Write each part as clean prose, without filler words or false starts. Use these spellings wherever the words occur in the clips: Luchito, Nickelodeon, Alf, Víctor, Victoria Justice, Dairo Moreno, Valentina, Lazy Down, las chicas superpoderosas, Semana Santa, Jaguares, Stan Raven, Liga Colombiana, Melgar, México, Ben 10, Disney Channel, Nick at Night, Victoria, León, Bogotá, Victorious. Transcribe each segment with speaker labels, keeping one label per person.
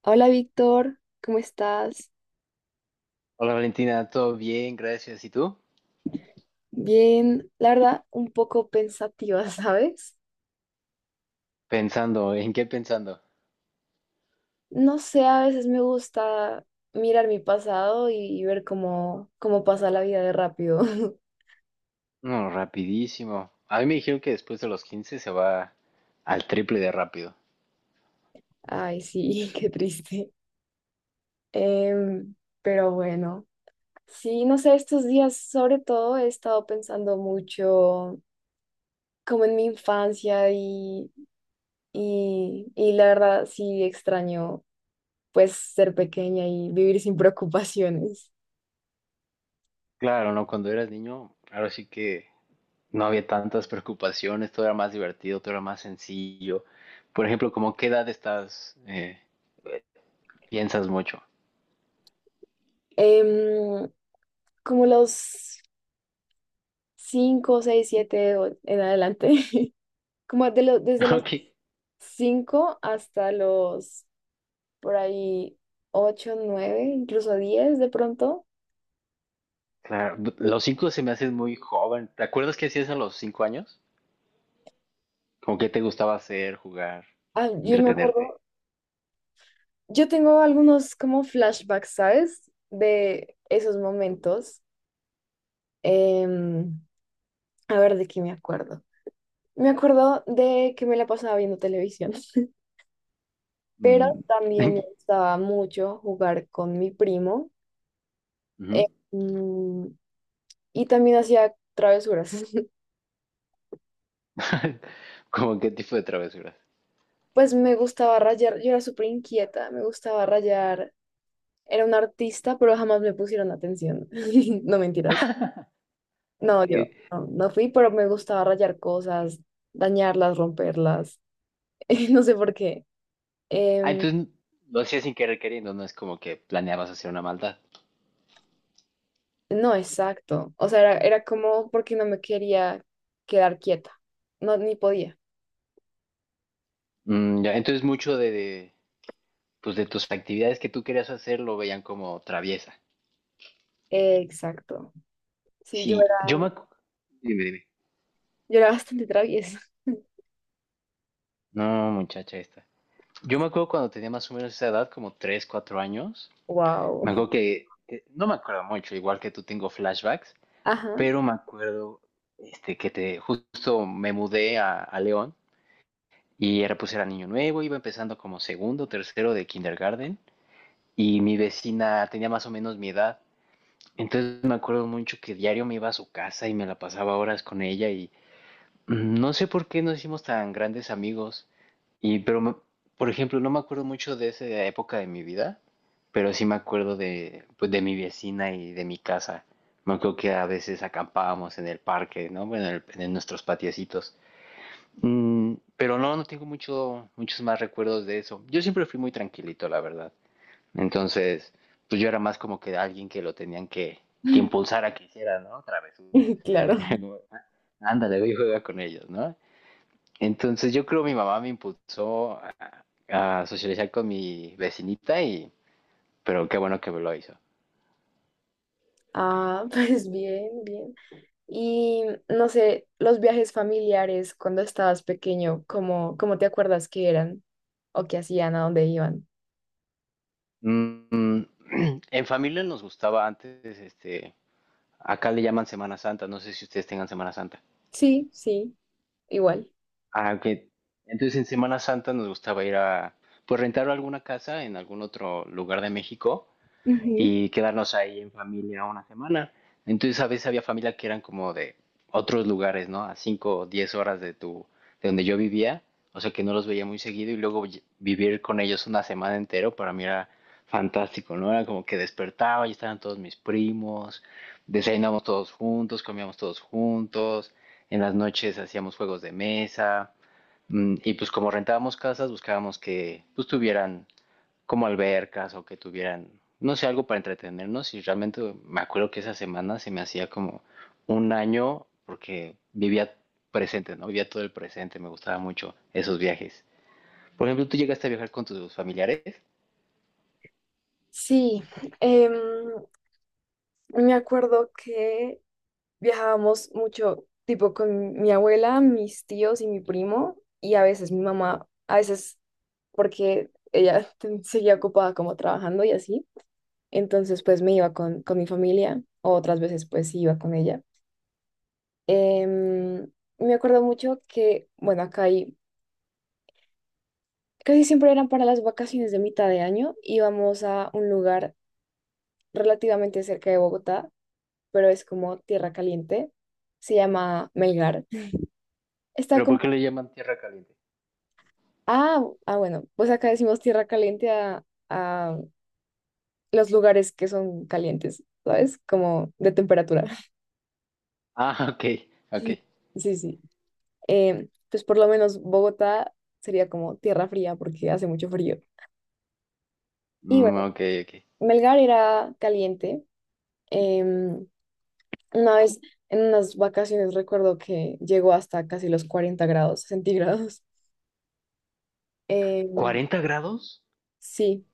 Speaker 1: Hola Víctor, ¿cómo estás?
Speaker 2: Hola Valentina, todo bien, gracias. ¿Y tú?
Speaker 1: Bien, la verdad, un poco pensativa, ¿sabes?
Speaker 2: Pensando, ¿en qué pensando?
Speaker 1: No sé, a veces me gusta mirar mi pasado y ver cómo pasa la vida de rápido.
Speaker 2: No, rapidísimo. A mí me dijeron que después de los 15 se va al triple de rápido.
Speaker 1: Ay, sí, qué triste. Em, pero bueno, sí, no sé, estos días sobre todo he estado pensando mucho como en mi infancia y la verdad sí extraño pues ser pequeña y vivir sin preocupaciones.
Speaker 2: Claro, ¿no? Cuando eras niño, ahora sí que no había tantas preocupaciones, todo era más divertido, todo era más sencillo. Por ejemplo, ¿cómo qué edad estás, piensas mucho?
Speaker 1: Em, Como los 5, 6, 7 en adelante. Como desde los
Speaker 2: Ok,
Speaker 1: 5 hasta los por ahí 8 9 incluso 10 de pronto.
Speaker 2: claro. Los 5 se me hacen muy joven. ¿Te acuerdas qué hacías a los 5 años? ¿Cómo qué te gustaba hacer, jugar,
Speaker 1: Ah, yo me
Speaker 2: entretenerte?
Speaker 1: acuerdo, yo tengo algunos como flashbacks, ¿sabes? De esos momentos. Em, a ver, ¿de qué me acuerdo? Me acuerdo de que me la pasaba viendo televisión, pero
Speaker 2: Mm.
Speaker 1: también me gustaba mucho jugar con mi primo. Eh,
Speaker 2: Ujú.
Speaker 1: mm, y también hacía travesuras.
Speaker 2: ¿Cómo qué tipo de travesuras?
Speaker 1: Pues me gustaba rayar, yo era súper inquieta, me gustaba rayar. Era una artista, pero jamás me pusieron atención. No mentiras.
Speaker 2: Ah,
Speaker 1: No, yo
Speaker 2: que-
Speaker 1: no fui, pero me gustaba rayar cosas, dañarlas, romperlas. No sé por qué.
Speaker 2: ah,
Speaker 1: Em,
Speaker 2: entonces lo hacías sin querer queriendo, no es como que planeabas hacer una maldad.
Speaker 1: no, exacto. O sea, era como porque no me quería quedar quieta. No, ni podía.
Speaker 2: Mm, ya, entonces mucho pues de tus actividades que tú querías hacer lo veían como traviesa.
Speaker 1: Exacto. Sí, yo
Speaker 2: Sí,
Speaker 1: era,
Speaker 2: Dime, dime.
Speaker 1: yo era bastante traviesa.
Speaker 2: No, muchacha esta. Yo me acuerdo cuando tenía más o menos esa edad, como 3 4 años. Me
Speaker 1: Wow.
Speaker 2: acuerdo no me acuerdo mucho, igual que tú tengo flashbacks,
Speaker 1: Ajá.
Speaker 2: pero me acuerdo que te, justo me mudé a León. Y era, pues era niño nuevo, iba empezando como segundo, tercero de kindergarten. Y mi vecina tenía más o menos mi edad. Entonces me acuerdo mucho que diario me iba a su casa y me la pasaba horas con ella. Y no sé por qué nos hicimos tan grandes amigos. Y, pero, me- por ejemplo, no me acuerdo mucho de esa época de mi vida, pero sí me acuerdo de, pues, de mi vecina y de mi casa. Me acuerdo que a veces acampábamos en el parque, ¿no? Bueno, en nuestros patiecitos. Mm, pero no, no tengo mucho, muchos más recuerdos de eso. Yo siempre fui muy tranquilito, la verdad. Entonces, pues yo era más como que alguien que lo tenían que impulsar a que hiciera, ¿no? Travesura.
Speaker 1: Claro.
Speaker 2: No, ándale, voy y juega con ellos, ¿no? Entonces yo creo mi mamá me impulsó a socializar con mi vecinita y, pero qué bueno que me lo hizo.
Speaker 1: Ah, pues bien, bien. Y no sé, los viajes familiares cuando estabas pequeño, ¿cómo te acuerdas que eran o qué hacían, a dónde iban?
Speaker 2: Mm, en familia nos gustaba antes, acá le llaman Semana Santa, no sé si ustedes tengan Semana Santa.
Speaker 1: Sí, sí. Igual.
Speaker 2: Ah, que entonces en Semana Santa nos gustaba ir a, pues rentar alguna casa en algún otro lugar de México
Speaker 1: Ujú.
Speaker 2: y quedarnos ahí en familia una semana. Entonces a veces había familia que eran como de otros lugares, ¿no? A 5 o 10 horas de donde yo vivía, o sea que no los veía muy seguido y luego vivir con ellos una semana entero para mí era fantástico, ¿no? Era como que despertaba y estaban todos mis primos, desayunábamos todos juntos, comíamos todos juntos, en las noches hacíamos juegos de mesa. Mm, y pues como rentábamos casas, buscábamos que pues tuvieran como albercas o que tuvieran, no sé, algo para entretenernos. Y realmente me acuerdo que esa semana se me hacía como un año porque vivía presente, ¿no? Vivía todo el presente, me gustaba mucho esos viajes. Por ejemplo, tú llegaste a viajar con tus familiares,
Speaker 1: Sí, em, me acuerdo que viajábamos mucho, tipo con mi abuela, mis tíos y mi primo, y a veces mi mamá, a veces porque ella seguía ocupada como trabajando y así. Entonces, pues me iba con mi familia, o otras veces pues iba con ella. Em, Me acuerdo mucho que, bueno, acá hay, casi siempre eran para las vacaciones de mitad de año, íbamos a un lugar relativamente cerca de Bogotá, pero es como tierra caliente, se llama Melgar. Está
Speaker 2: pero
Speaker 1: como,
Speaker 2: ¿por qué le llaman tierra caliente?
Speaker 1: bueno, pues acá decimos tierra caliente a, a los lugares que son calientes, ¿sabes? Como de temperatura.
Speaker 2: Ah, ok, ok.
Speaker 1: Sí, sí. Pues por lo menos Bogotá sería como tierra fría porque hace mucho frío. Y
Speaker 2: Mm,
Speaker 1: bueno,
Speaker 2: ok, ok.
Speaker 1: Melgar era caliente. Em, una vez en unas vacaciones recuerdo que llegó hasta casi los 40 grados centígrados. Em,
Speaker 2: ¿40 grados?
Speaker 1: sí,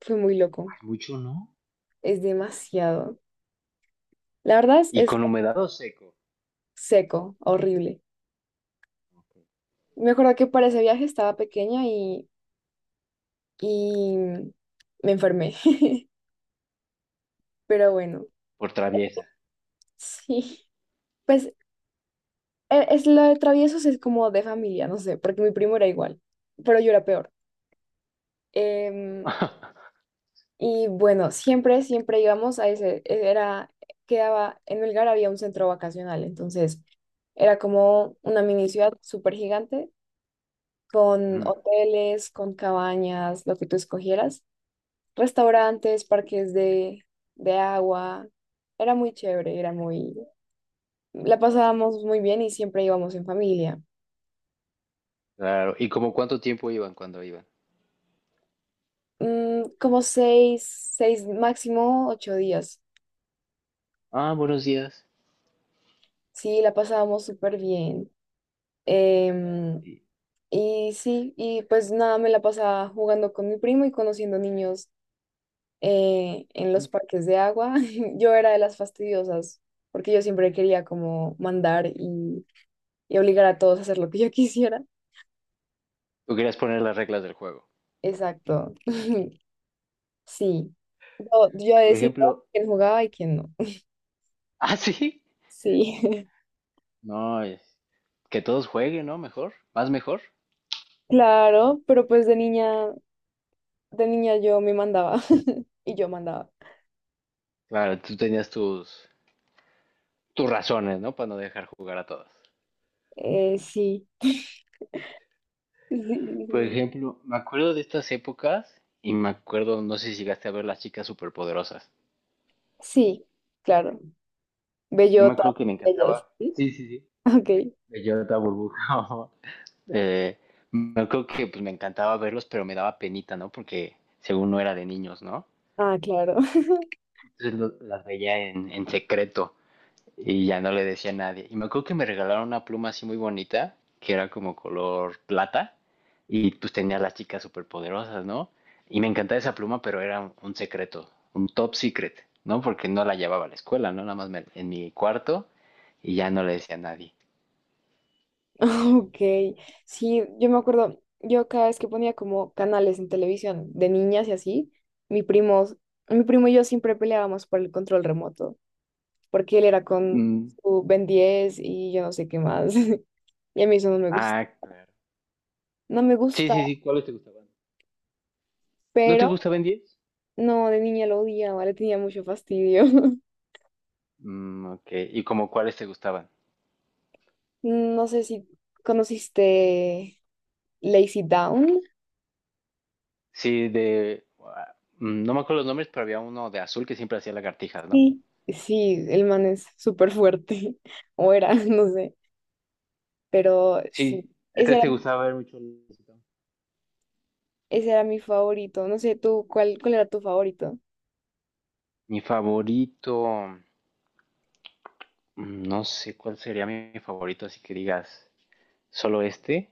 Speaker 1: fue muy loco.
Speaker 2: Ay, mucho, ¿no?
Speaker 1: Es demasiado. La verdad es,
Speaker 2: Y
Speaker 1: es
Speaker 2: con humedad o seco,
Speaker 1: seco, horrible. Me acuerdo que para ese viaje estaba pequeña y me enfermé. Pero bueno,
Speaker 2: por traviesa.
Speaker 1: sí. Pues es lo de traviesos es como de familia, no sé, porque mi primo era igual, pero yo era peor. Em, y bueno, siempre, siempre íbamos a ese, era, quedaba, en Melgar había un centro vacacional, entonces era como una mini ciudad súper gigante, con
Speaker 2: Mm,
Speaker 1: hoteles, con cabañas, lo que tú escogieras, restaurantes, parques de agua, era muy chévere, era muy, la pasábamos muy bien y siempre íbamos en familia.
Speaker 2: claro, ¿y como cuánto tiempo iban cuando iban?
Speaker 1: Como seis, máximo 8 días.
Speaker 2: Ah, buenos días.
Speaker 1: Sí, la pasábamos súper bien. Em,
Speaker 2: Sí.
Speaker 1: y sí, y pues nada, me la pasaba jugando con mi primo y conociendo niños en los parques de agua. Yo era de las fastidiosas, porque yo siempre quería como mandar y obligar a todos a hacer lo que yo quisiera.
Speaker 2: Tú querías poner las reglas del juego.
Speaker 1: Exacto. Sí. Yo
Speaker 2: Por
Speaker 1: decidía
Speaker 2: ejemplo,
Speaker 1: quién jugaba y quién no.
Speaker 2: ah, sí.
Speaker 1: Sí,
Speaker 2: No, es- que todos jueguen, ¿no? Mejor, más mejor.
Speaker 1: claro, pero pues de niña. De niña yo me mandaba y yo mandaba.
Speaker 2: Claro, tú tenías tus razones, ¿no? Para no dejar jugar a todos.
Speaker 1: Sí.
Speaker 2: Por ejemplo, me acuerdo de estas épocas y me acuerdo, no sé si llegaste a ver las chicas superpoderosas.
Speaker 1: Sí, claro.
Speaker 2: Yo me
Speaker 1: Bellota,
Speaker 2: acuerdo que me
Speaker 1: ella es.
Speaker 2: encantaba.
Speaker 1: ¿Sí?
Speaker 2: Sí, sí, sí.
Speaker 1: Ok.
Speaker 2: Bellota, burbuja. Eh, me acuerdo que pues, me encantaba verlos, pero me daba penita, ¿no? Porque según no era de niños, ¿no?
Speaker 1: Ah, claro.
Speaker 2: Entonces las veía en secreto. Y ya no le decía a nadie. Y me acuerdo que me regalaron una pluma así muy bonita, que era como color plata, y pues tenía a las chicas superpoderosas, ¿no? Y me encantaba esa pluma, pero era un secreto, un top secret, ¿no? Porque no la llevaba a la escuela, ¿no? Nada más en mi cuarto y ya no le decía a nadie.
Speaker 1: Ok. Sí, yo me acuerdo, yo cada vez que ponía como canales en televisión de niñas y así, mi primo, mi primo y yo siempre peleábamos por el control remoto, porque él era con
Speaker 2: Mm,
Speaker 1: su Ben 10 y yo no sé qué más. Y a mí eso no me gusta.
Speaker 2: ah, claro,
Speaker 1: No me
Speaker 2: sí,
Speaker 1: gusta,
Speaker 2: sí, sí, ¿cuáles te gustaban? ¿No te
Speaker 1: pero
Speaker 2: gustaban diez?
Speaker 1: no, de niña lo odiaba, le tenía mucho fastidio.
Speaker 2: Mm, ok, ¿y como cuáles te gustaban?
Speaker 1: No sé si conociste Lazy Down.
Speaker 2: Sí, de... ah, mm, no me acuerdo los nombres, pero había uno de azul que siempre hacía lagartijas, ¿no?
Speaker 1: Sí. Sí, el man es súper fuerte, o era, no sé, pero sí,
Speaker 2: Sí, ¿a
Speaker 1: ese
Speaker 2: ti
Speaker 1: era,
Speaker 2: te gustaba ver mucho el musical?
Speaker 1: ese era mi favorito, no sé, tú, ¿cuál era tu favorito?
Speaker 2: Mi favorito, mm, no sé cuál sería mi favorito, así que digas, solo este.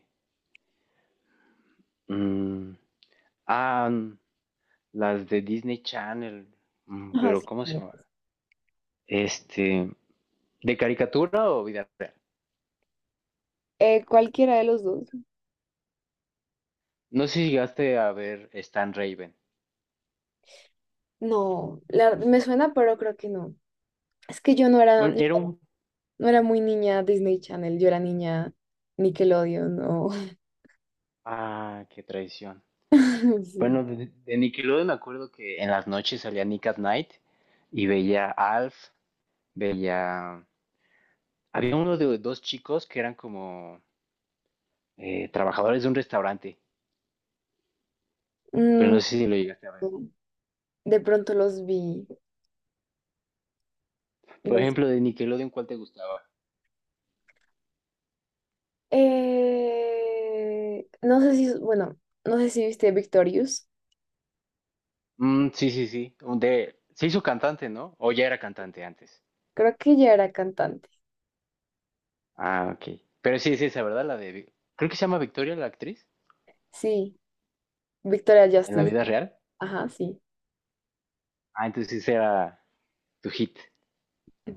Speaker 2: Mm, ah, mm, las de Disney Channel, mm,
Speaker 1: Ajá,
Speaker 2: pero
Speaker 1: sí.
Speaker 2: ¿cómo se llama? Este, ¿de caricatura o vida real?
Speaker 1: Cualquiera de los dos.
Speaker 2: No sé si llegaste a ver Stan Raven.
Speaker 1: No, me suena, pero creo que no. Es que yo no era,
Speaker 2: Bueno,
Speaker 1: yo
Speaker 2: era un...
Speaker 1: no era muy niña Disney Channel, yo era niña Nickelodeon, no.
Speaker 2: Ah, qué traición.
Speaker 1: Sí.
Speaker 2: Bueno, de Nickelodeon me acuerdo que en las noches salía Nick at Night y veía Alf, veía había uno de dos chicos que eran como trabajadores de un restaurante, pero
Speaker 1: Mm,
Speaker 2: no sé si lo llegaste a ver.
Speaker 1: De pronto los vi.
Speaker 2: Por
Speaker 1: des-
Speaker 2: ejemplo, de Nickelodeon, ¿cuál te gustaba?
Speaker 1: No sé si, bueno, no sé si viste Victorious.
Speaker 2: Mm, sí, sí, sí. Se hizo cantante, ¿no? O ya era cantante antes.
Speaker 1: Creo que ella era cantante.
Speaker 2: Ah, ok. Pero sí es esa, ¿verdad? La de. Creo que se llama Victoria, la actriz,
Speaker 1: Sí, Victoria
Speaker 2: en la
Speaker 1: Justice.
Speaker 2: vida real.
Speaker 1: Ajá, sí.
Speaker 2: Ah, entonces ese era tu hit.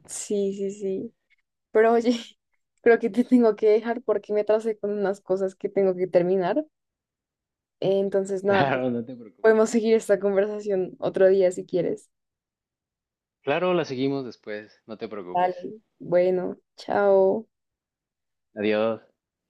Speaker 1: Sí, sí, sí. Pero oye, creo que te tengo que dejar porque me atrasé con unas cosas que tengo que terminar. Entonces, nada, pues,
Speaker 2: Claro, no te preocupes.
Speaker 1: podemos seguir esta conversación otro día si quieres.
Speaker 2: Claro, la seguimos después, no te preocupes.
Speaker 1: Vale. Bueno, chao.
Speaker 2: Adiós.